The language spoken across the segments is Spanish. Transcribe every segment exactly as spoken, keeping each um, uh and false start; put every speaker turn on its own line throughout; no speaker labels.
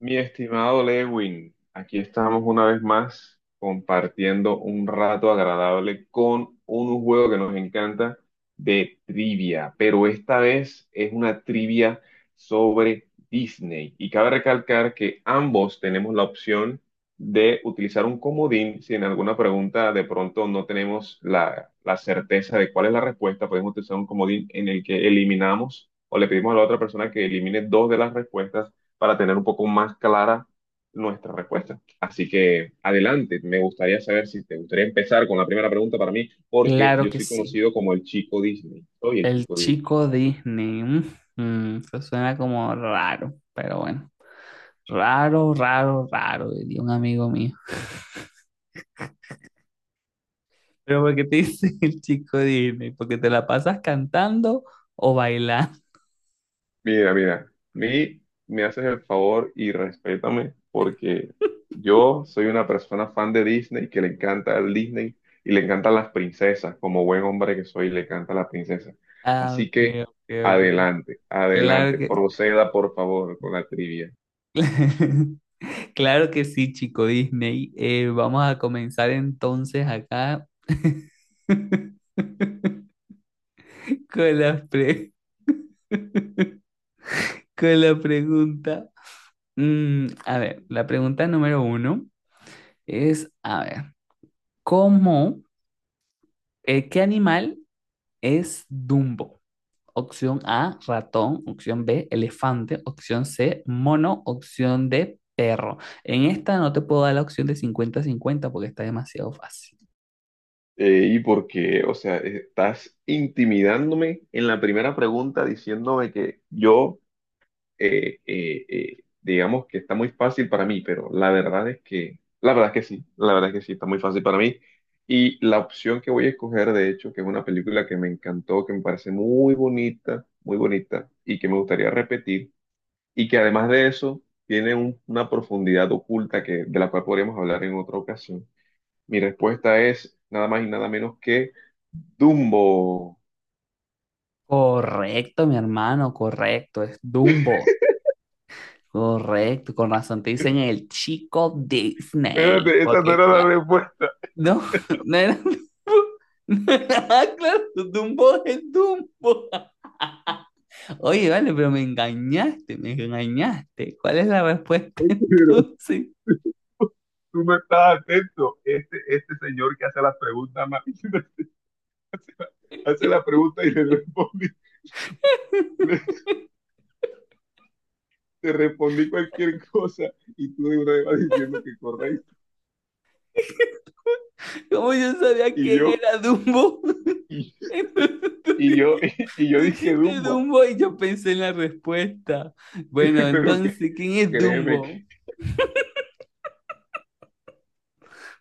Mi estimado Lewin, aquí estamos una vez más compartiendo un rato agradable con un juego que nos encanta de trivia, pero esta vez es una trivia sobre Disney. Y cabe recalcar que ambos tenemos la opción de utilizar un comodín si en alguna pregunta de pronto no tenemos la, la certeza de cuál es la respuesta, podemos utilizar un comodín en el que eliminamos o le pedimos a la otra persona que elimine dos de las respuestas para tener un poco más clara nuestra respuesta. Así que adelante, me gustaría saber si te gustaría empezar con la primera pregunta para mí, porque
Claro
yo
que
soy
sí.
conocido como el chico Disney. Soy el
El
chico Disney.
chico Disney. Mm, mm, eso suena como raro, pero bueno. Raro, raro, raro, diría un amigo mío. Pero ¿por qué te dice el chico Disney? ¿Porque te la pasas cantando o bailando?
Mira, mira, mi- me haces el favor y respétame, porque yo soy una persona fan de Disney que le encanta el Disney y le encantan las princesas. Como buen hombre que soy, le encanta las princesas.
Ah,
Así
ok,
que
ok, ok.
adelante,
Claro
adelante,
que,
proceda por favor con la trivia.
claro que sí, chico Disney. Eh, vamos a comenzar entonces acá con la pre- con la pregunta. Mm, a ver, la pregunta número uno es, a ver, ¿cómo, eh, ¿qué animal es Dumbo? Opción A, ratón; opción B, elefante; opción C, mono; opción D, perro. En esta no te puedo dar la opción de cincuenta-cincuenta porque está demasiado fácil.
Eh, y porque, o sea, estás intimidándome en la primera pregunta diciéndome que yo, eh, eh, eh, digamos que está muy fácil para mí, pero la verdad es que, la verdad es que sí, la verdad es que sí, está muy fácil para mí. Y la opción que voy a escoger, de hecho, que es una película que me encantó, que me parece muy bonita, muy bonita, y que me gustaría repetir, y que además de eso tiene un- una profundidad oculta que, de la cual podríamos hablar en otra ocasión mi respuesta es nada más y nada menos que Dumbo.
Correcto, mi hermano, correcto, es Dumbo. Correcto, con razón te dicen el chico Disney,
Espérate, esa no
porque
era la
claro.
respuesta.
No, no era Dumbo. Ah, claro, Dumbo es Dumbo. Oye, vale, pero me engañaste, me engañaste. ¿Cuál es la respuesta
Oye, pero
entonces?
tú no estás atento. Este, este señor que hace las preguntas, más- hace la, hace la pregunta y le respondí, le- te respondí cualquier cosa y tú de una vez vas diciendo que correcto.
¿Cómo yo sabía
Y
quién
yo,
era Dumbo?
y,
Entonces tú
y yo,
di-
y, yo
tú
dije
dijiste
Dumbo.
Dumbo y yo pensé en la respuesta. Bueno,
Pero que,
entonces, ¿quién es
créeme que,
Dumbo?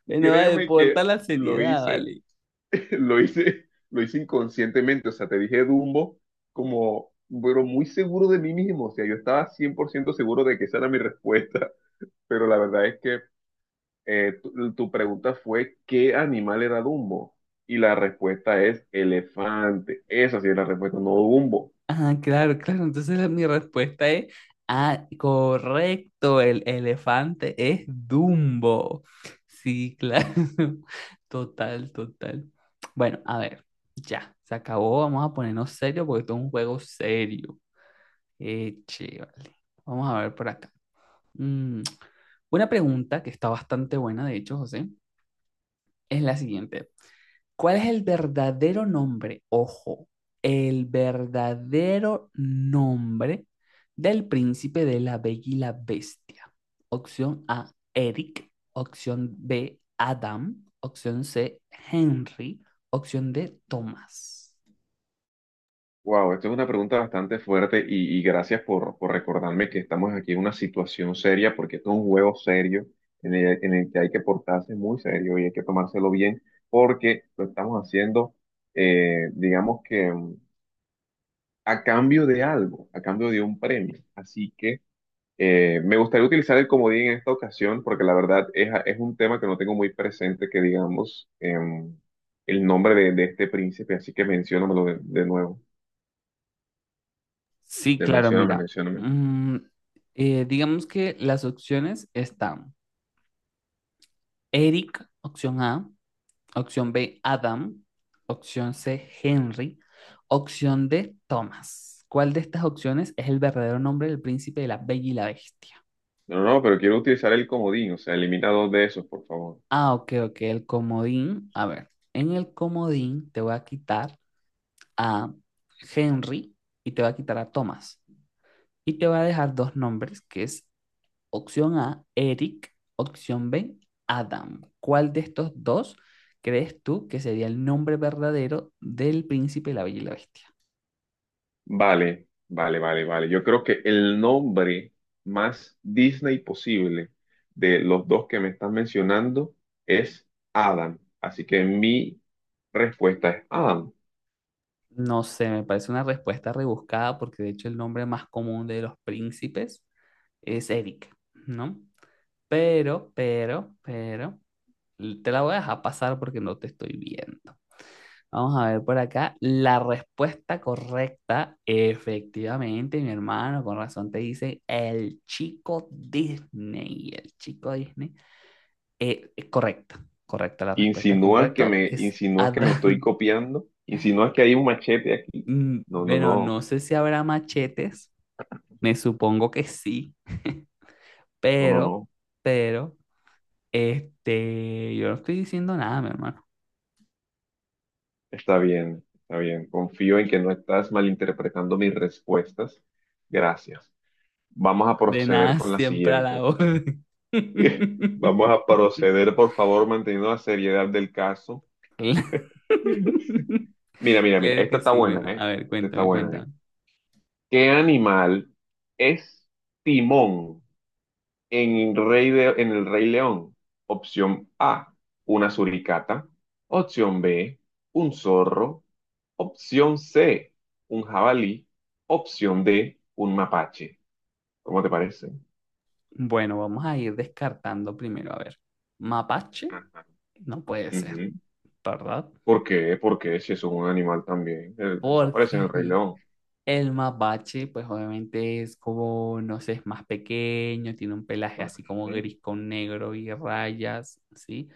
Bueno, vale,
créeme
por
que
tal la
lo
seriedad,
hice
vale.
Lo hice, lo hice inconscientemente, o sea, te dije Dumbo como, pero muy seguro de mí mismo, o sea, yo estaba cien por ciento seguro de que esa era mi respuesta, pero la verdad es que eh, tu, tu pregunta fue ¿qué animal era Dumbo? Y la respuesta es elefante, esa sí es la respuesta, no Dumbo.
Ah, claro, claro. Entonces la- mi respuesta es, ah, correcto, el elefante es Dumbo. Sí, claro. Total, total. Bueno, a ver, ya, se acabó. Vamos a ponernos serio porque esto es un juego serio. Eche, vale. Vamos a ver por acá. Mm, una pregunta que está bastante buena, de hecho, José, es la siguiente. ¿Cuál es el verdadero nombre? Ojo, el verdadero nombre del príncipe de la Bella y la Bestia. Opción A, Eric. Opción B, Adam. Opción C, Henry. Opción D, Thomas.
Wow, esto es una pregunta bastante fuerte y, y gracias por, por recordarme que estamos aquí en una situación seria porque esto es un juego serio en el, en el que hay que portarse muy serio y hay que tomárselo bien porque lo estamos haciendo, eh, digamos que mm, a cambio de algo, a cambio de un premio. Así que eh, me gustaría utilizar el comodín en esta ocasión porque la verdad es, es un tema que no tengo muy presente que digamos em, el nombre de, de este príncipe, así que menciónamelo de, de nuevo,
Sí,
de
claro,
mencióname,
mira.
mencióname.
mm, eh, digamos que las opciones están Eric, opción A; opción B, Adam; opción C, Henry; opción D, Thomas. ¿Cuál de estas opciones es el verdadero nombre del príncipe de la Bella y la Bestia?
No, no, pero quiero utilizar el comodín, o sea, elimina dos de esos, por favor.
Ah, ok, ok, el comodín. A ver, en el comodín te voy a quitar a Henry y te voy a quitar a Thomas. Y te voy a dejar dos nombres, que es opción A, Eric; opción B, Adam. ¿Cuál de estos dos crees tú que sería el nombre verdadero del príncipe de la Bella y la Bestia?
Vale, vale, vale, vale. Yo creo que el nombre más Disney posible de los dos que me estás mencionando es Adam. Así que mi respuesta es Adam.
No sé, me parece una respuesta rebuscada porque de hecho el nombre más común de los príncipes es Eric, ¿no? Pero, pero, pero, te la voy a dejar pasar porque no te estoy viendo. Vamos a ver por acá. La respuesta correcta, efectivamente, mi hermano, con razón te dice el chico Disney. El chico Disney. Eh, eh, correcta, correcta la respuesta,
¿Insinúas que
correcto.
me,
Es
insinúas que me estoy
Adán.
copiando? ¿Insinúas que hay un machete aquí?
Mm,
No, no,
bueno,
no,
no sé si habrá machetes. Me supongo que sí,
no, no,
pero,
no.
pero, este, yo no estoy diciendo nada, mi hermano.
Está bien, está bien. Confío en que no estás malinterpretando mis respuestas. Gracias. Vamos a
De
proceder
nada,
con la
siempre a la
siguiente.
orden.
Vamos a proceder, por favor, manteniendo la seriedad del caso. Mira, mira, mira,
Claro
esta
que
está
sí,
buena,
bueno, a
¿eh?
ver,
Esta está
cuéntame,
buena, ¿eh?
cuéntame.
¿Qué animal es Timón en Rey de- en el Rey León? Opción A, una suricata. Opción B, un zorro. Opción C, un jabalí. Opción D, un mapache. ¿Cómo te parece?
Bueno, vamos a ir descartando primero, a ver. Mapache,
Ajá.
no puede ser,
Ujú.
¿verdad?
¿Por qué? Porque si es un animal también. El- Eso
Porque
aparece en el Rey León.
el mapache, pues obviamente es como, no sé, es más pequeño, tiene un pelaje así como
Ajá,
gris con negro y rayas, ¿sí?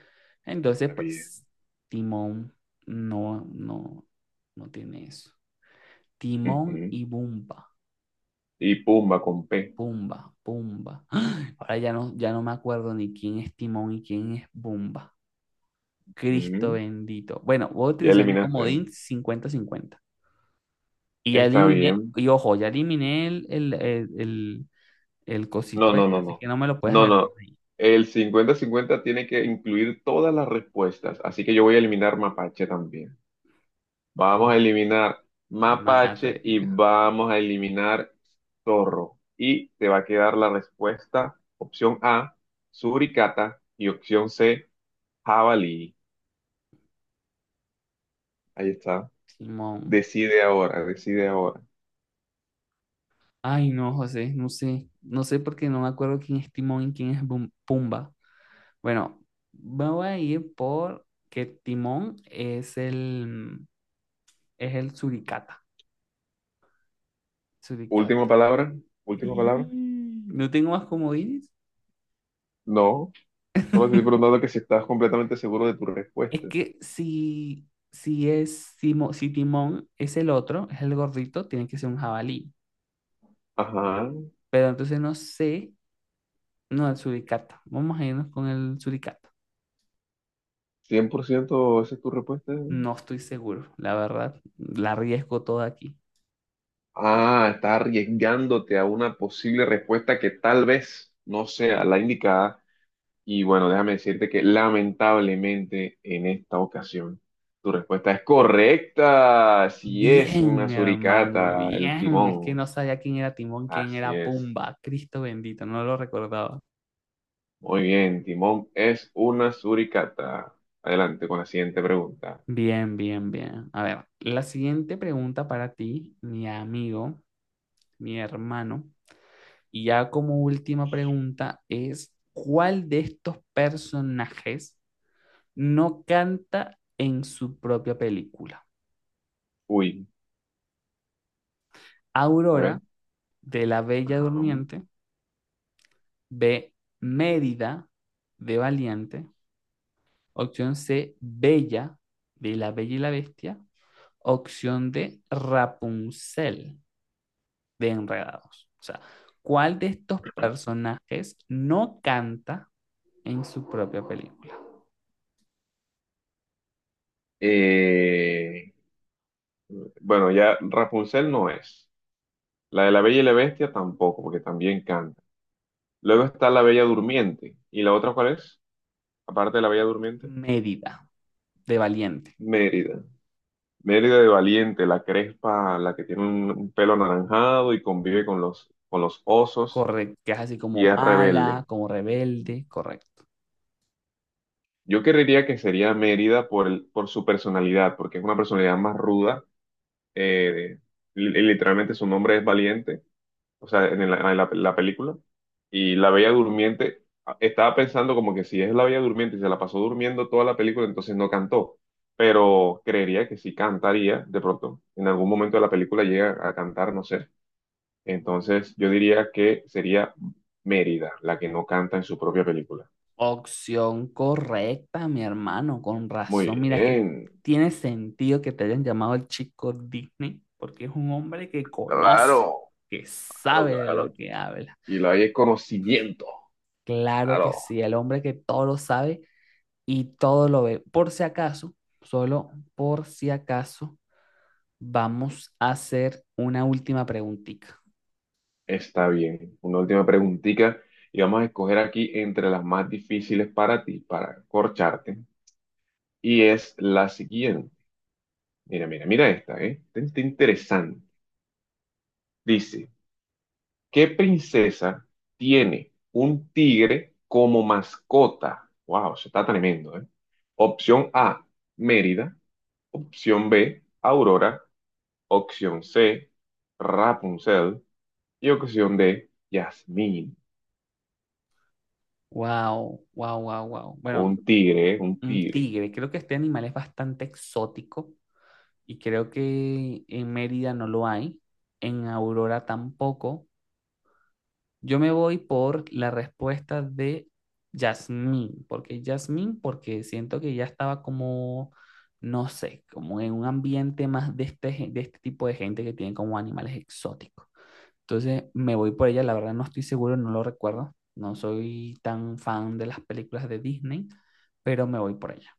Entonces,
está bien.
pues, Timón no, no, no tiene eso. Timón
Ujú.
y Bumba,
Y Pumba con P.
Bumba, Bumba. Ahora ya no, ya no me acuerdo ni quién es Timón y quién es Bumba. Cristo
Ujú.
bendito. Bueno, voy a
Ya
utilizar mi
eliminaste.
comodín cincuenta cincuenta. Y ya
Está
eliminé,
bien.
y ojo, ya eliminé el, el, el, el- el
No,
cosito
no,
este,
no,
así
no.
que no me lo puedes
No, no.
agregar ahí.
El cincuenta-cincuenta tiene que incluir todas las respuestas. Así que yo voy a eliminar Mapache también. Vamos a eliminar
Es más
Mapache y
atrevido.
vamos a eliminar Zorro. Y te va a quedar la respuesta, opción A, Suricata y opción C. Jabalí, ahí está.
Timón.
Decide ahora, decide ahora.
Ay, no, José, no sé. No sé porque no me acuerdo quién es Timón y quién es Bum- Pumba. Bueno, me voy a ir por que Timón es el, es el suricata.
Última
Suricata.
palabra, última
Y-
palabra.
no tengo más comodines.
No, solo te estoy preguntando que si estás completamente seguro de tu
Es
respuesta.
que si, si es Simo- si Timón es el otro, es el gordito, tiene que ser un jabalí.
Ajá,
Pero entonces no sé. No, el suricata. Vamos a irnos con el suricata.
cien por ciento, esa es tu respuesta.
No estoy seguro, la verdad. La arriesgo toda aquí.
Ah, estás arriesgándote a una posible respuesta que tal vez no sea la indicada. Y bueno, déjame decirte que lamentablemente en esta ocasión tu respuesta es correcta. Si es
Bien,
una
mi hermano,
suricata, el
bien. Es que
timón.
no sabía quién era Timón, quién
Así
era
es.
Pumba. Cristo bendito, no lo recordaba.
Muy bien, Timón es una suricata. Adelante con la siguiente pregunta.
Bien, bien, bien. A ver, la siguiente pregunta para ti, mi amigo, mi hermano. Y ya como última pregunta es, ¿cuál de estos personajes no canta en su propia película?
Uy, a ver.
Aurora, de La Bella
Ajá.
Durmiente; B, Mérida de Valiente; opción C, Bella de La Bella y la Bestia; opción D, Rapunzel de Enredados. O sea, ¿cuál de estos personajes no canta en su propia película?
Eh, bueno, ya Rapunzel no es. La de la Bella y la Bestia tampoco, porque también canta. Luego está la Bella Durmiente. ¿Y la otra cuál es? Aparte de la Bella Durmiente.
Mérida de Valiente,
Mérida. Mérida de Valiente, la crespa, la que tiene un, un pelo anaranjado y convive con los, con los osos
correcto, que es así como
y es
mala,
rebelde.
como rebelde, correcto.
Yo creería que sería Mérida por, el- por su personalidad, porque es una personalidad más ruda. eh, li- literalmente su nombre es Valiente, o sea, en la, en la- la película. Y la Bella Durmiente, ah, estaba pensando como que si es la Bella Durmiente y se la pasó durmiendo toda la película, entonces no cantó. Pero creería que sí cantaría de pronto. En algún momento de la película llega a cantar, no sé. Entonces yo diría que sería Mérida la que no canta en su propia película.
Opción correcta, mi hermano, con
Muy
razón. Mira que
bien,
tiene sentido que te hayan llamado el chico Disney, porque es un hombre que conoce,
claro.
que
Claro,
sabe de
claro.
lo que habla.
Y lo hay es conocimiento.
Claro que
Claro,
sí, el hombre que todo lo sabe y todo lo ve. Por si acaso, solo por si acaso, vamos a hacer una última preguntita.
está bien. Una última preguntita y vamos a escoger aquí entre las más difíciles para ti, para corcharte. Y es la siguiente. Mira, mira, mira esta, ¿eh? Esta está interesante. Dice, ¿qué princesa tiene un tigre como mascota? Wow, eso está tremendo, ¿eh? Opción A, Mérida. Opción B, Aurora. Opción C, Rapunzel. Y ocasión de Yasmín,
Wow, wow, wow, wow. Bueno,
un tigre, ¿eh? Un
un
tigre.
tigre, creo que este animal es bastante exótico y creo que en Mérida no lo hay, en Aurora tampoco. Yo me voy por la respuesta de Yasmín, porque Yasmín, porque siento que ya estaba como, no sé, como en un ambiente más de este, gen- de este tipo de gente que tienen como animales exóticos. Entonces me voy por ella, la verdad no estoy seguro, no lo recuerdo, no soy tan fan de las películas de Disney, pero me voy por ella.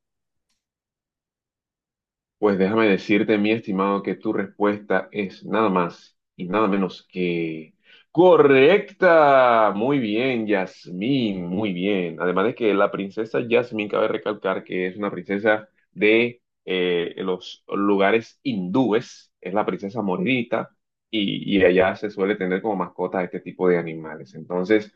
Pues déjame decirte, mi estimado, que tu respuesta es nada más y nada menos que correcta. Muy bien, Yasmín, muy bien. Además de que la princesa Yasmín, cabe recalcar que es una princesa de eh, los lugares hindúes, es la princesa moririta, y, y allá se suele tener como mascota a este tipo de animales. Entonces,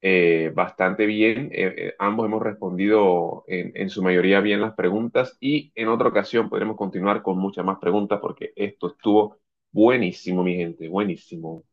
eh, bastante bien. Eh, eh, ambos hemos respondido en, en su mayoría bien las preguntas y en otra ocasión podremos continuar con muchas más preguntas porque esto estuvo buenísimo, mi gente, buenísimo.